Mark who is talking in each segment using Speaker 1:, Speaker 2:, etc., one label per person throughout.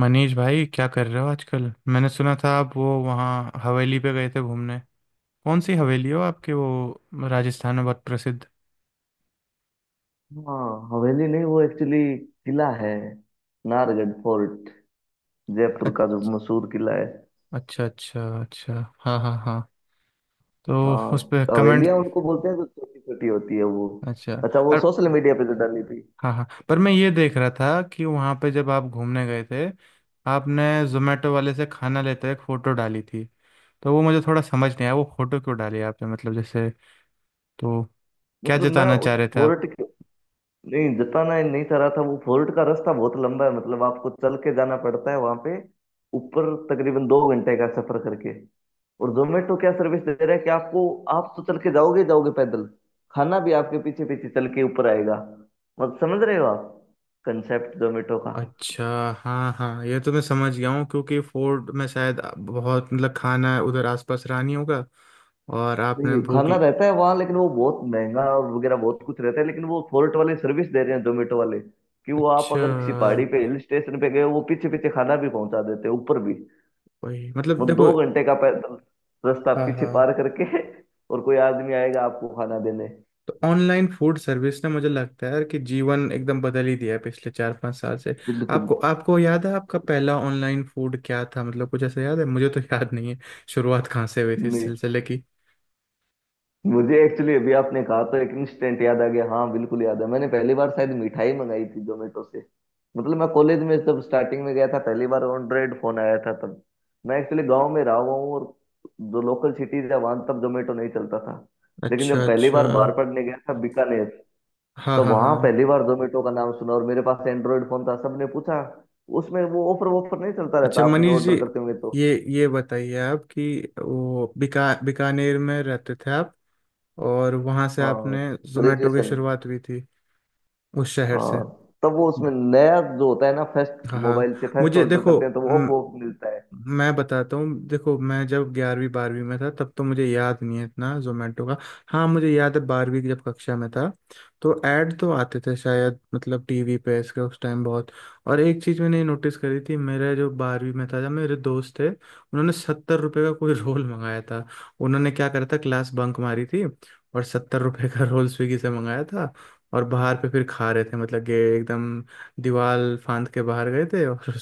Speaker 1: मनीष भाई, क्या कर रहे हो आजकल? मैंने सुना था आप वो वहाँ हवेली पे गए थे घूमने। कौन सी हवेली हो आपके, वो राजस्थान में बहुत प्रसिद्ध।
Speaker 2: हाँ, हवेली नहीं वो एक्चुअली किला है। नाहरगढ़ फोर्ट, जयपुर
Speaker 1: अ-
Speaker 2: का जो मशहूर किला है।
Speaker 1: अच्छा अच्छा अच्छा। हाँ हाँ हाँ। तो उस
Speaker 2: हाँ,
Speaker 1: पे कमेंट।
Speaker 2: हवेलियां उनको बोलते हैं जो छोटी छोटी होती है वो।
Speaker 1: अच्छा।
Speaker 2: अच्छा, वो
Speaker 1: और
Speaker 2: सोशल मीडिया पे जो डाली थी।
Speaker 1: हाँ हाँ, पर मैं ये देख रहा था कि वहाँ पे जब आप घूमने गए थे, आपने जोमेटो वाले से खाना लेते हुए एक फ़ोटो डाली थी। तो वो मुझे थोड़ा समझ नहीं आया, वो फ़ोटो क्यों डाली आपने, मतलब जैसे, तो क्या
Speaker 2: मतलब मैं
Speaker 1: जताना चाह
Speaker 2: उस
Speaker 1: रहे थे?
Speaker 2: फोर्ट के, नहीं जताना ही नहीं चाह रहा था। वो फोर्ट का रास्ता बहुत लंबा है, मतलब आपको चल के जाना पड़ता है वहां पे ऊपर, तकरीबन 2 घंटे का सफर करके। और जोमेटो क्या सर्विस दे रहा है कि आपको, आप तो चल के जाओगे जाओगे पैदल, खाना भी आपके पीछे पीछे चल के ऊपर आएगा। मतलब समझ रहे हो आप कंसेप्ट जोमेटो का।
Speaker 1: अच्छा। हाँ हाँ, ये तो मैं समझ गया हूँ क्योंकि फोर्ट में शायद बहुत मतलब खाना उधर आसपास रानी होगा और आपने
Speaker 2: नहीं,
Speaker 1: भूख।
Speaker 2: खाना रहता है वहाँ लेकिन वो बहुत महंगा और वगैरह बहुत कुछ रहता है, लेकिन वो फोर्ट वाले सर्विस दे रहे हैं जोमेटो वाले कि वो आप
Speaker 1: अच्छा।
Speaker 2: अगर किसी पहाड़ी पे हिल स्टेशन पे गए वो पीछे पीछे खाना भी पहुंचा देते हैं ऊपर भी।
Speaker 1: वही मतलब,
Speaker 2: मतलब दो
Speaker 1: देखो।
Speaker 2: घंटे का पैदल रास्ता
Speaker 1: हाँ
Speaker 2: पीछे
Speaker 1: हाँ,
Speaker 2: पार करके और कोई आदमी आएगा आपको खाना देने।
Speaker 1: तो ऑनलाइन फूड सर्विस ने मुझे लगता है यार, कि जीवन एकदम बदल ही दिया है पिछले 4 5 साल से।
Speaker 2: बिल्कुल।
Speaker 1: आपको आपको याद है, आपका पहला ऑनलाइन फूड क्या था, मतलब कुछ ऐसा याद है? मुझे तो याद नहीं है। शुरुआत कहाँ से हुई थी इस
Speaker 2: नहीं,
Speaker 1: सिलसिले की?
Speaker 2: मुझे एक्चुअली अभी आपने कहा तो एक इंस्टेंट याद आ गया, हाँ बिल्कुल याद है, मैंने पहली बार शायद मिठाई मंगाई थी जोमेटो से। मतलब मैं कॉलेज में जब स्टार्टिंग में गया था, पहली बार एंड्रॉइड फोन आया था तब। मैं एक्चुअली गांव में रहा हुआ हूँ, और जो लोकल सिटीज है वहां तब जोमेटो नहीं चलता था। लेकिन
Speaker 1: अच्छा
Speaker 2: जब पहली
Speaker 1: अच्छा।
Speaker 2: बार बाहर पढ़ने गया था बीकानेर,
Speaker 1: हाँ
Speaker 2: तो
Speaker 1: हाँ
Speaker 2: वहां
Speaker 1: हाँ।
Speaker 2: पहली बार जोमेटो का नाम सुना और मेरे पास एंड्रॉइड फोन था, सबने पूछा। उसमें वो ऑफर वॉफर नहीं चलता
Speaker 1: अच्छा
Speaker 2: रहता आपने
Speaker 1: मनीष
Speaker 2: ऑर्डर
Speaker 1: जी,
Speaker 2: करते होंगे तो।
Speaker 1: ये बताइए आप कि वो बीकानेर में रहते थे आप, और वहाँ से
Speaker 2: हाँ।
Speaker 1: आपने जोमेटो की
Speaker 2: ग्रेजुएशन।
Speaker 1: शुरुआत हुई थी उस शहर से।
Speaker 2: हाँ। तब वो उसमें
Speaker 1: ब-
Speaker 2: नया जो होता है ना, फर्स्ट
Speaker 1: हाँ हाँ।
Speaker 2: मोबाइल से फर्स्ट
Speaker 1: मुझे
Speaker 2: ऑर्डर
Speaker 1: देखो,
Speaker 2: करते हैं तो वो ऑफ ऑफ मिलता है।
Speaker 1: मैं बताता हूँ। देखो मैं जब 11वीं 12वीं में था तब तो मुझे याद नहीं है इतना जोमेटो का। हाँ मुझे याद है, 12वीं की जब कक्षा में था तो ऐड तो आते थे शायद, मतलब टीवी पे इसके उस टाइम बहुत। और एक चीज़ मैंने नोटिस करी थी, मेरे जो 12वीं में था जब, मेरे दोस्त थे उन्होंने 70 रुपये का कोई रोल मंगाया था। उन्होंने क्या करा था, क्लास बंक मारी थी और 70 रुपये का रोल स्विगी से मंगाया था, और बाहर पे फिर खा रहे थे, मतलब कि एकदम दीवार फांद के बाहर गए थे। और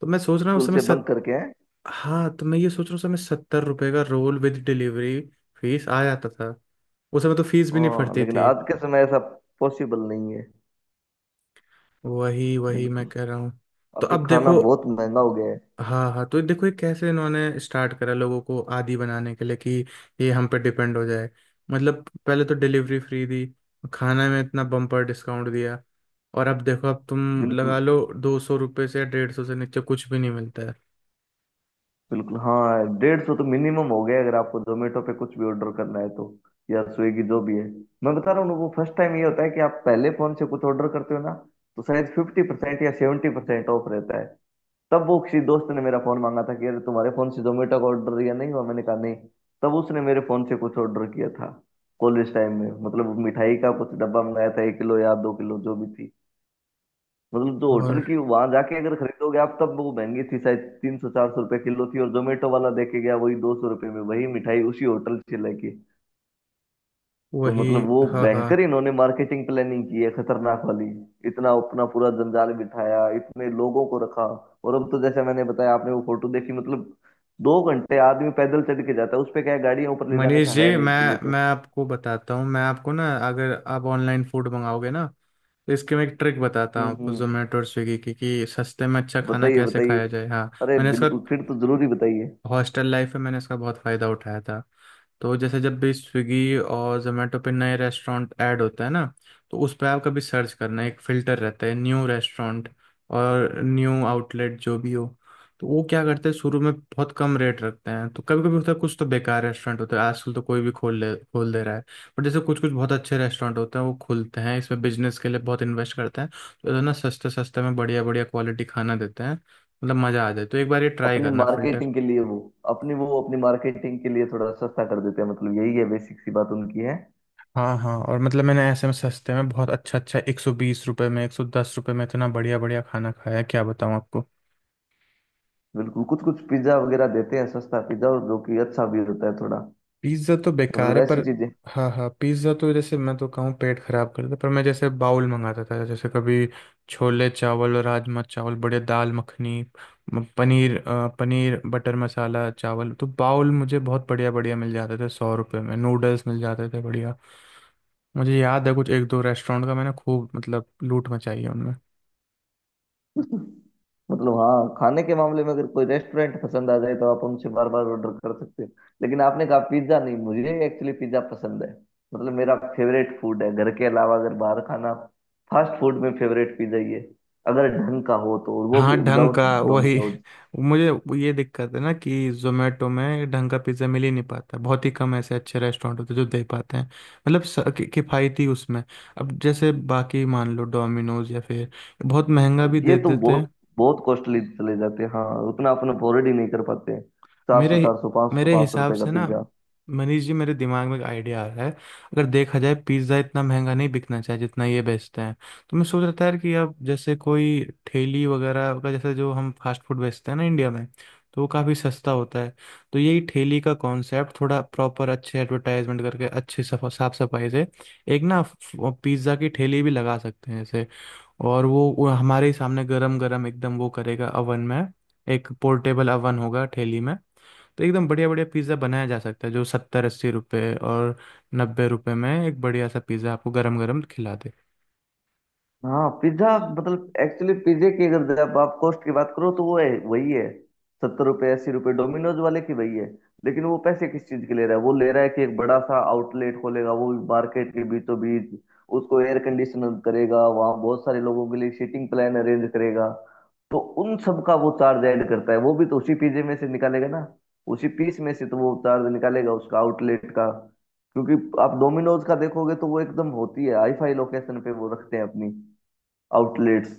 Speaker 1: तो मैं सोच रहा हूँ उस
Speaker 2: स्कूल
Speaker 1: समय
Speaker 2: से बंक
Speaker 1: सत
Speaker 2: करके हैं।
Speaker 1: हाँ, तो मैं ये सोच रहा हूँ उस समय 70 रुपये का रोल विद डिलीवरी फीस आ जाता था। उस समय तो फीस भी नहीं
Speaker 2: हाँ,
Speaker 1: फटती
Speaker 2: लेकिन
Speaker 1: थी।
Speaker 2: आज के समय ऐसा पॉसिबल नहीं है।
Speaker 1: वही वही मैं
Speaker 2: बिल्कुल।
Speaker 1: कह रहा हूँ। तो
Speaker 2: अभी
Speaker 1: अब
Speaker 2: खाना
Speaker 1: देखो।
Speaker 2: बहुत महंगा हो गया है।
Speaker 1: हाँ हाँ, तो देखो ये कैसे इन्होंने स्टार्ट करा लोगों को आदी बनाने के लिए, कि ये हम पे डिपेंड हो जाए। मतलब पहले तो डिलीवरी फ्री दी, खाना में इतना बम्पर डिस्काउंट दिया, और अब देखो, अब तुम
Speaker 2: बिल्कुल।
Speaker 1: लगा लो 200 रुपये से या 150 से नीचे कुछ भी नहीं मिलता है।
Speaker 2: बिल्कुल हाँ, 150 तो मिनिमम हो गया है अगर आपको जोमेटो पे कुछ भी ऑर्डर करना है तो। या स्विगी, जो भी है। मैं बता रहा हूँ ना, वो फर्स्ट टाइम ये होता है कि आप पहले फोन से कुछ ऑर्डर करते हो ना, तो शायद 50% या 70% ऑफ रहता है। तब वो किसी दोस्त ने मेरा फोन मांगा था कि अरे तुम्हारे फोन से जोमेटो का ऑर्डर दिया नहीं हुआ, मैंने कहा नहीं। तब उसने मेरे फोन से कुछ ऑर्डर किया था कॉलेज टाइम में, मतलब मिठाई का कुछ डब्बा मंगाया था, 1 किलो या 2 किलो जो भी थी। मतलब जो होटल
Speaker 1: और
Speaker 2: की वहां जाके अगर खरीदोगे आप तब वो महंगी थी शायद 300-400 रुपए किलो थी, और जोमेटो वाला देके गया वही 200 रुपए में वही मिठाई उसी होटल से लेके। तो
Speaker 1: वही।
Speaker 2: मतलब वो
Speaker 1: हाँ
Speaker 2: भयंकर
Speaker 1: हाँ।
Speaker 2: इन्होंने मार्केटिंग प्लानिंग की है खतरनाक वाली। इतना अपना पूरा जंजाल बिठाया, इतने लोगों को रखा। और अब तो जैसे मैंने बताया, आपने वो फोटो देखी, मतलब 2 घंटे आदमी पैदल चढ़ के जाता है उस पे, क्या है, गाड़ियां ऊपर ले जाने
Speaker 1: मनीष
Speaker 2: का है
Speaker 1: जी,
Speaker 2: नहीं किले
Speaker 1: मैं
Speaker 2: पे।
Speaker 1: मैं आपको बताता हूँ। मैं आपको ना, अगर आप ऑनलाइन फूड मंगाओगे ना, तो इसके मैं एक ट्रिक बताता हूँ आपको,
Speaker 2: हम्म।
Speaker 1: जोमेटो और स्विगी की, कि सस्ते में अच्छा खाना
Speaker 2: बताइए
Speaker 1: कैसे
Speaker 2: बताइए।
Speaker 1: खाया जाए। हाँ।
Speaker 2: अरे
Speaker 1: मैंने इसका
Speaker 2: बिल्कुल, फिर तो जरूरी बताइए।
Speaker 1: हॉस्टल लाइफ में मैंने इसका बहुत फ़ायदा उठाया था। तो जैसे जब भी स्विगी और जोमेटो पे नए रेस्टोरेंट ऐड होते हैं ना, तो उस पर आप कभी सर्च करना, एक फ़िल्टर रहता है न्यू रेस्टोरेंट, और न्यू आउटलेट जो भी हो। तो वो क्या करते हैं, शुरू में बहुत कम रेट रखते हैं। तो कभी कभी होता है, कुछ तो बेकार रेस्टोरेंट होते हैं, आजकल तो कोई भी खोल ले, खोल दे रहा है। पर जैसे कुछ कुछ बहुत अच्छे रेस्टोरेंट होते हैं, वो खुलते हैं, इसमें बिजनेस के लिए बहुत इन्वेस्ट करते हैं, तो इतना सस्ते सस्ते में बढ़िया बढ़िया क्वालिटी खाना देते हैं, मतलब मज़ा आ जाए। तो एक बार ये ट्राई
Speaker 2: अपनी
Speaker 1: करना फ़िल्टर।
Speaker 2: मार्केटिंग के लिए वो, अपनी मार्केटिंग के लिए थोड़ा सस्ता कर देते हैं, मतलब यही है बेसिक सी बात उनकी है।
Speaker 1: हाँ हाँ, और मतलब मैंने ऐसे में सस्ते में बहुत अच्छा अच्छा, 120 रुपये में, 110 रुपये में इतना बढ़िया बढ़िया खाना खाया है, क्या बताऊँ आपको।
Speaker 2: बिल्कुल। कुछ कुछ पिज्जा वगैरह देते हैं सस्ता पिज्जा, और जो कि अच्छा भी होता है थोड़ा।
Speaker 1: पिज्ज़ा तो बेकार
Speaker 2: मतलब
Speaker 1: है
Speaker 2: ऐसी
Speaker 1: पर।
Speaker 2: चीजें।
Speaker 1: हाँ हाँ, पिज्ज़ा तो जैसे मैं तो कहूँ पेट खराब करता। पर मैं जैसे बाउल मंगाता था, जैसे कभी छोले चावल और राजमा चावल बढ़िया, दाल मखनी, पनीर बटर मसाला चावल, तो बाउल मुझे बहुत बढ़िया बढ़िया मिल जाते थे, 100 रुपये में नूडल्स मिल जाते थे बढ़िया। मुझे याद है, कुछ एक दो रेस्टोरेंट का मैंने खूब मतलब लूट मचाई है।
Speaker 2: मतलब हाँ, खाने के मामले में अगर कोई रेस्टोरेंट पसंद आ जाए तो आप उनसे बार बार ऑर्डर कर सकते हो। लेकिन आपने कहा पिज्जा नहीं, मुझे एक्चुअली पिज्जा पसंद है। मतलब मेरा फेवरेट फूड है, घर के अलावा अगर बाहर खाना, फास्ट फूड में फेवरेट पिज्जा ही है, अगर ढंग का हो तो, और वो भी
Speaker 1: हाँ, ढंग
Speaker 2: विदाउट
Speaker 1: का वही।
Speaker 2: डोमिनोज।
Speaker 1: मुझे ये दिक्कत है ना कि जोमेटो में ढंग का पिज्ज़ा मिल ही नहीं पाता, बहुत ही कम ऐसे अच्छे रेस्टोरेंट होते हैं जो दे पाते हैं, मतलब किफ़ायती उसमें। अब जैसे बाकी मान लो डोमिनोज या फिर, बहुत महंगा भी
Speaker 2: ये
Speaker 1: दे
Speaker 2: तो
Speaker 1: देते
Speaker 2: बहुत
Speaker 1: हैं।
Speaker 2: बहुत कॉस्टली चले जाते हैं, हाँ, उतना अपन अफोर्ड ही नहीं कर पाते, चार
Speaker 1: मेरे
Speaker 2: सौ पाँच सौ
Speaker 1: मेरे
Speaker 2: पाँच सौ
Speaker 1: हिसाब
Speaker 2: रुपए का
Speaker 1: से ना
Speaker 2: पिज्जा।
Speaker 1: मनीष जी, मेरे दिमाग में एक आइडिया आ रहा है। अगर देखा जाए, पिज्ज़ा इतना महंगा नहीं बिकना चाहिए जितना ये बेचते हैं। तो मैं सोच रहा था यार कि अब जैसे कोई ठेली वगैरह का, जैसे जो हम फास्ट फूड बेचते हैं ना इंडिया में, तो वो काफ़ी सस्ता होता है। तो यही ठेली का कॉन्सेप्ट थोड़ा प्रॉपर अच्छे एडवर्टाइजमेंट करके, अच्छे साफ सफाई से, एक ना, पिज़्ज़ा की ठेली भी लगा सकते हैं जैसे। और वो हमारे ही सामने गरम गरम एकदम वो करेगा अवन में। एक पोर्टेबल अवन होगा ठेली में। तो एकदम बढ़िया बढ़िया पिज़्ज़ा बनाया जा सकता है, जो 70 80 रुपये और 90 रुपये में एक बढ़िया सा पिज़्ज़ा आपको गरम गरम खिला दे।
Speaker 2: हाँ पिज्जा, मतलब एक्चुअली पिज्जे की अगर जब आप कॉस्ट की बात करो तो वो है वही है, 70-80 रुपये, डोमिनोज वाले की वही है। लेकिन वो पैसे किस चीज के ले रहा है, वो ले रहा है कि एक बड़ा सा आउटलेट खोलेगा वो भी मार्केट के बीचों बीच, उसको एयर कंडीशनर करेगा, वहाँ बहुत सारे लोगों के लिए सीटिंग प्लान अरेंज करेगा। तो उन सब का वो चार्ज ऐड करता है, वो भी तो उसी पिज्जे में से निकालेगा ना, उसी पीस में से तो वो चार्ज निकालेगा उसका आउटलेट का। क्योंकि आप डोमिनोज का देखोगे तो वो एकदम होती है हाई फाई लोकेशन पे वो रखते हैं अपनी आउटलेट्स।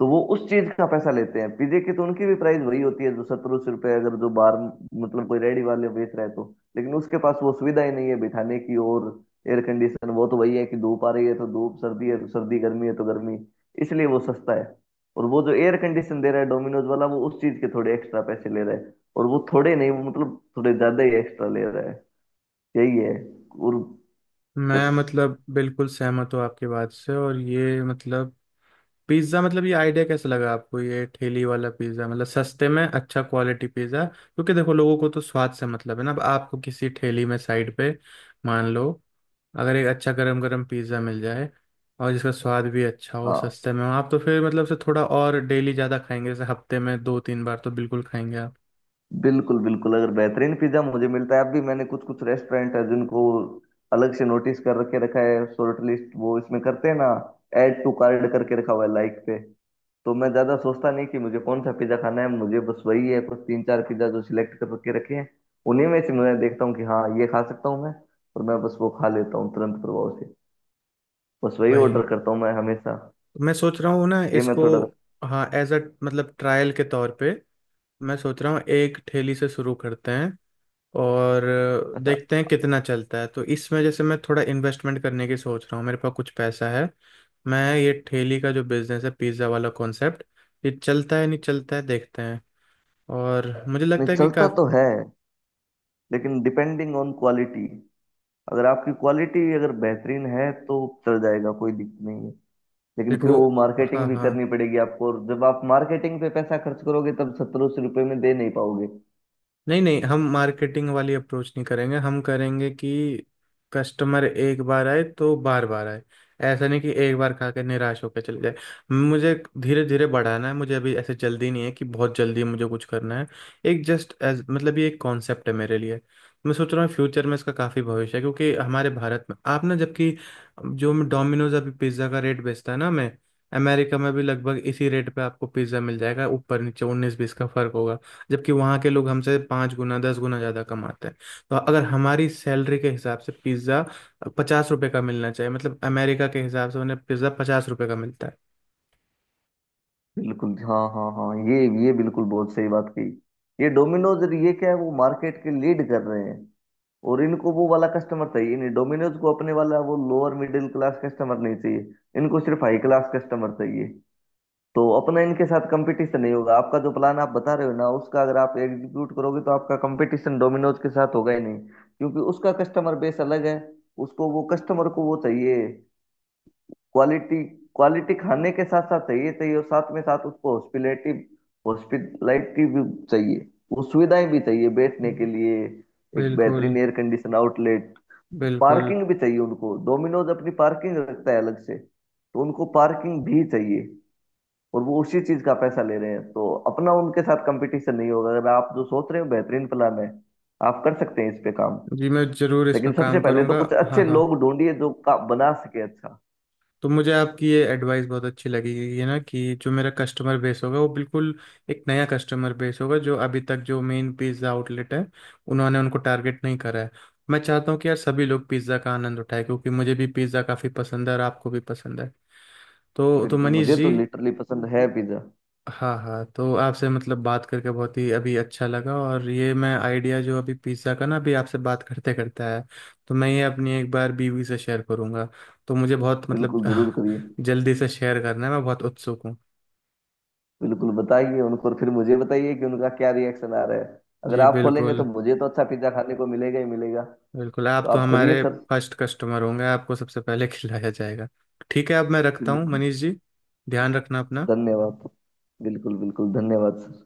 Speaker 2: तो वो उस चीज का पैसा लेते हैं, पीजे की तो उनकी भी प्राइस वही होती है जो 1700 रुपए, अगर जो बाहर मतलब कोई रेडी वाले बेच रहा है तो। लेकिन उसके पास वो सुविधा ही नहीं है बिठाने की, और एयर कंडीशन वो तो वही है कि धूप आ रही है तो धूप, सर्दी है तो सर्दी, गर्मी है तो गर्मी। इसलिए वो सस्ता है। और वो जो एयर कंडीशन दे रहा है डोमिनोज वाला वो उस चीज के थोड़े एक्स्ट्रा पैसे ले रहा है, और वो थोड़े नहीं, वो मतलब थोड़े ज्यादा ही एक्स्ट्रा ले रहा है। यही है। और
Speaker 1: मैं
Speaker 2: बस।
Speaker 1: मतलब बिल्कुल सहमत हूँ आपकी बात से, और ये मतलब पिज्ज़ा, मतलब ये आइडिया कैसे लगा आपको, ये ठेली वाला पिज़्ज़ा मतलब सस्ते में अच्छा क्वालिटी पिज़्ज़ा, क्योंकि देखो लोगों को तो स्वाद से मतलब है ना। अब आपको किसी ठेली में साइड पे, मान लो अगर एक अच्छा गरम गरम पिज़्ज़ा मिल जाए, और जिसका स्वाद भी अच्छा हो,
Speaker 2: हाँ
Speaker 1: सस्ते में हो, आप तो फिर मतलब से थोड़ा और डेली ज़्यादा खाएंगे, जैसे हफ्ते में दो तीन बार तो बिल्कुल खाएंगे आप।
Speaker 2: बिल्कुल बिल्कुल, अगर बेहतरीन पिज्जा मुझे मिलता है, अब भी मैंने कुछ कुछ रेस्टोरेंट है जिनको अलग से नोटिस कर रखे रखा है, शॉर्ट लिस्ट वो इसमें करते हैं ना, ऐड टू कार्ड करके रखा हुआ है लाइक पे। तो मैं ज्यादा सोचता नहीं कि मुझे कौन सा पिज्जा खाना है, मुझे बस वही है, कुछ तीन चार पिज्जा जो सिलेक्ट कर रखे रखे हैं, उन्हीं में से मैं देखता हूँ कि हाँ ये खा सकता हूँ मैं, और मैं बस वो खा लेता हूँ तुरंत प्रभाव से, बस वही ऑर्डर
Speaker 1: वही,
Speaker 2: करता हूँ मैं हमेशा।
Speaker 1: मैं सोच रहा हूँ ना
Speaker 2: ये मैं
Speaker 1: इसको।
Speaker 2: थोड़ा।
Speaker 1: हाँ, एज अ मतलब ट्रायल के तौर पे, मैं सोच रहा हूँ एक ठेली से शुरू करते हैं, और
Speaker 2: अच्छा।
Speaker 1: देखते हैं कितना चलता है। तो इसमें जैसे मैं थोड़ा इन्वेस्टमेंट करने की सोच रहा हूँ, मेरे पास कुछ पैसा है। मैं ये ठेली का जो बिजनेस है, पिज्ज़ा वाला कॉन्सेप्ट, ये चलता है नहीं चलता है देखते हैं। और मुझे
Speaker 2: नहीं
Speaker 1: लगता है कि का,
Speaker 2: चलता तो है, लेकिन डिपेंडिंग ऑन क्वालिटी, अगर आपकी क्वालिटी अगर बेहतरीन है तो चल जाएगा, कोई दिक्कत नहीं है। लेकिन फिर
Speaker 1: देखो,
Speaker 2: वो मार्केटिंग
Speaker 1: हाँ
Speaker 2: भी
Speaker 1: हाँ,
Speaker 2: करनी पड़ेगी आपको, और जब आप मार्केटिंग पे पैसा खर्च करोगे तब 70-80 रुपए में दे नहीं पाओगे।
Speaker 1: नहीं नहीं, हम मार्केटिंग वाली अप्रोच नहीं करेंगे। हम करेंगे कि कस्टमर एक बार आए तो बार बार आए, ऐसा नहीं कि एक बार खा के निराश होकर चले जाए। मुझे धीरे धीरे बढ़ाना है, मुझे अभी ऐसे जल्दी नहीं है कि बहुत जल्दी मुझे कुछ करना है। एक जस्ट एज मतलब ये एक कॉन्सेप्ट है मेरे लिए। मैं सोच रहा हूँ फ्यूचर में इसका काफ़ी भविष्य है, क्योंकि हमारे भारत में आप ना, जबकि जो डोमिनोज अभी पिज्ज़ा का रेट बेचता है ना, मैं अमेरिका में भी लगभग इसी रेट पे आपको पिज्ज़ा मिल जाएगा, ऊपर नीचे उन्नीस बीस का फर्क होगा। जबकि वहाँ के लोग हमसे 5 गुना 10 गुना ज़्यादा कमाते हैं। तो अगर हमारी सैलरी के हिसाब से पिज़्ज़ा 50 रुपए का मिलना चाहिए, मतलब अमेरिका के हिसाब से उन्हें पिज़्ज़ा 50 रुपए का मिलता है।
Speaker 2: बिल्कुल, हाँ हाँ हाँ, ये बिल्कुल बहुत सही बात कही। ये डोमिनोज, ये क्या है, वो मार्केट के लीड कर रहे हैं। और इनको वो वाला कस्टमर चाहिए नहीं, डोमिनोज को अपने वाला वो लोअर मिडिल क्लास कस्टमर नहीं चाहिए, इनको सिर्फ हाई क्लास कस्टमर चाहिए। तो अपना इनके साथ कंपटीशन नहीं होगा, आपका जो प्लान आप बता रहे हो ना उसका अगर आप एग्जीक्यूट करोगे तो आपका कंपटीशन डोमिनोज के साथ होगा ही नहीं, क्योंकि उसका कस्टमर बेस अलग है। उसको वो कस्टमर को वो चाहिए क्वालिटी, क्वालिटी खाने के साथ साथ चाहिए चाहिए, और साथ में साथ उसको हॉस्पिटलिटी, हॉस्पिटलिटी भी चाहिए। वो सुविधाएं भी चाहिए बैठने के लिए, एक
Speaker 1: बिल्कुल
Speaker 2: बेहतरीन एयर कंडीशन आउटलेट।
Speaker 1: बिल्कुल।
Speaker 2: पार्किंग भी चाहिए उनको, डोमिनोज अपनी पार्किंग रखता है अलग से, तो उनको पार्किंग भी चाहिए, और वो उसी चीज का पैसा ले रहे हैं। तो अपना उनके साथ कंपटीशन नहीं होगा, अगर आप जो सोच रहे हो बेहतरीन प्लान है, आप कर सकते हैं इस पे काम।
Speaker 1: जी मैं ज़रूर इस पर
Speaker 2: लेकिन सबसे
Speaker 1: काम
Speaker 2: पहले तो
Speaker 1: करूँगा।
Speaker 2: कुछ
Speaker 1: हाँ
Speaker 2: अच्छे
Speaker 1: हाँ,
Speaker 2: लोग ढूंढिए जो का बना सके अच्छा।
Speaker 1: तो मुझे आपकी ये एडवाइस बहुत अच्छी लगी, ये ना कि जो मेरा कस्टमर बेस होगा वो बिल्कुल एक नया कस्टमर बेस होगा, जो अभी तक जो मेन पिज़्ज़ा आउटलेट है उन्होंने उनको टारगेट नहीं करा है। मैं चाहता हूँ कि यार सभी लोग पिज़्ज़ा का आनंद उठाए, क्योंकि मुझे भी पिज़्ज़ा काफ़ी पसंद है, और आपको भी पसंद है। तो
Speaker 2: बिल्कुल,
Speaker 1: मनीष
Speaker 2: मुझे तो
Speaker 1: जी,
Speaker 2: लिटरली पसंद है पिज्जा।
Speaker 1: हाँ हाँ, तो आपसे मतलब बात करके बहुत ही अभी अच्छा लगा, और ये मैं आइडिया जो अभी पिज़्ज़ा का ना, अभी आपसे बात करते करते आया, तो मैं ये अपनी एक बार बीवी से शेयर करूँगा। तो मुझे बहुत मतलब
Speaker 2: बिल्कुल जरूर करिए,
Speaker 1: जल्दी से शेयर करना है, मैं बहुत उत्सुक हूँ।
Speaker 2: बिल्कुल बताइए उनको, और फिर मुझे बताइए कि उनका क्या रिएक्शन आ रहा है। अगर
Speaker 1: जी
Speaker 2: आप खोलेंगे तो
Speaker 1: बिल्कुल।
Speaker 2: मुझे तो अच्छा पिज्जा खाने को मिलेगा ही मिलेगा। तो
Speaker 1: बिल्कुल, आप तो
Speaker 2: आप करिए
Speaker 1: हमारे
Speaker 2: सर।
Speaker 1: फर्स्ट कस्टमर होंगे, आपको सबसे पहले खिलाया जाएगा। ठीक है, अब मैं रखता हूँ
Speaker 2: बिल्कुल।
Speaker 1: मनीष जी। ध्यान रखना अपना।
Speaker 2: धन्यवाद। बिल्कुल बिल्कुल धन्यवाद सर।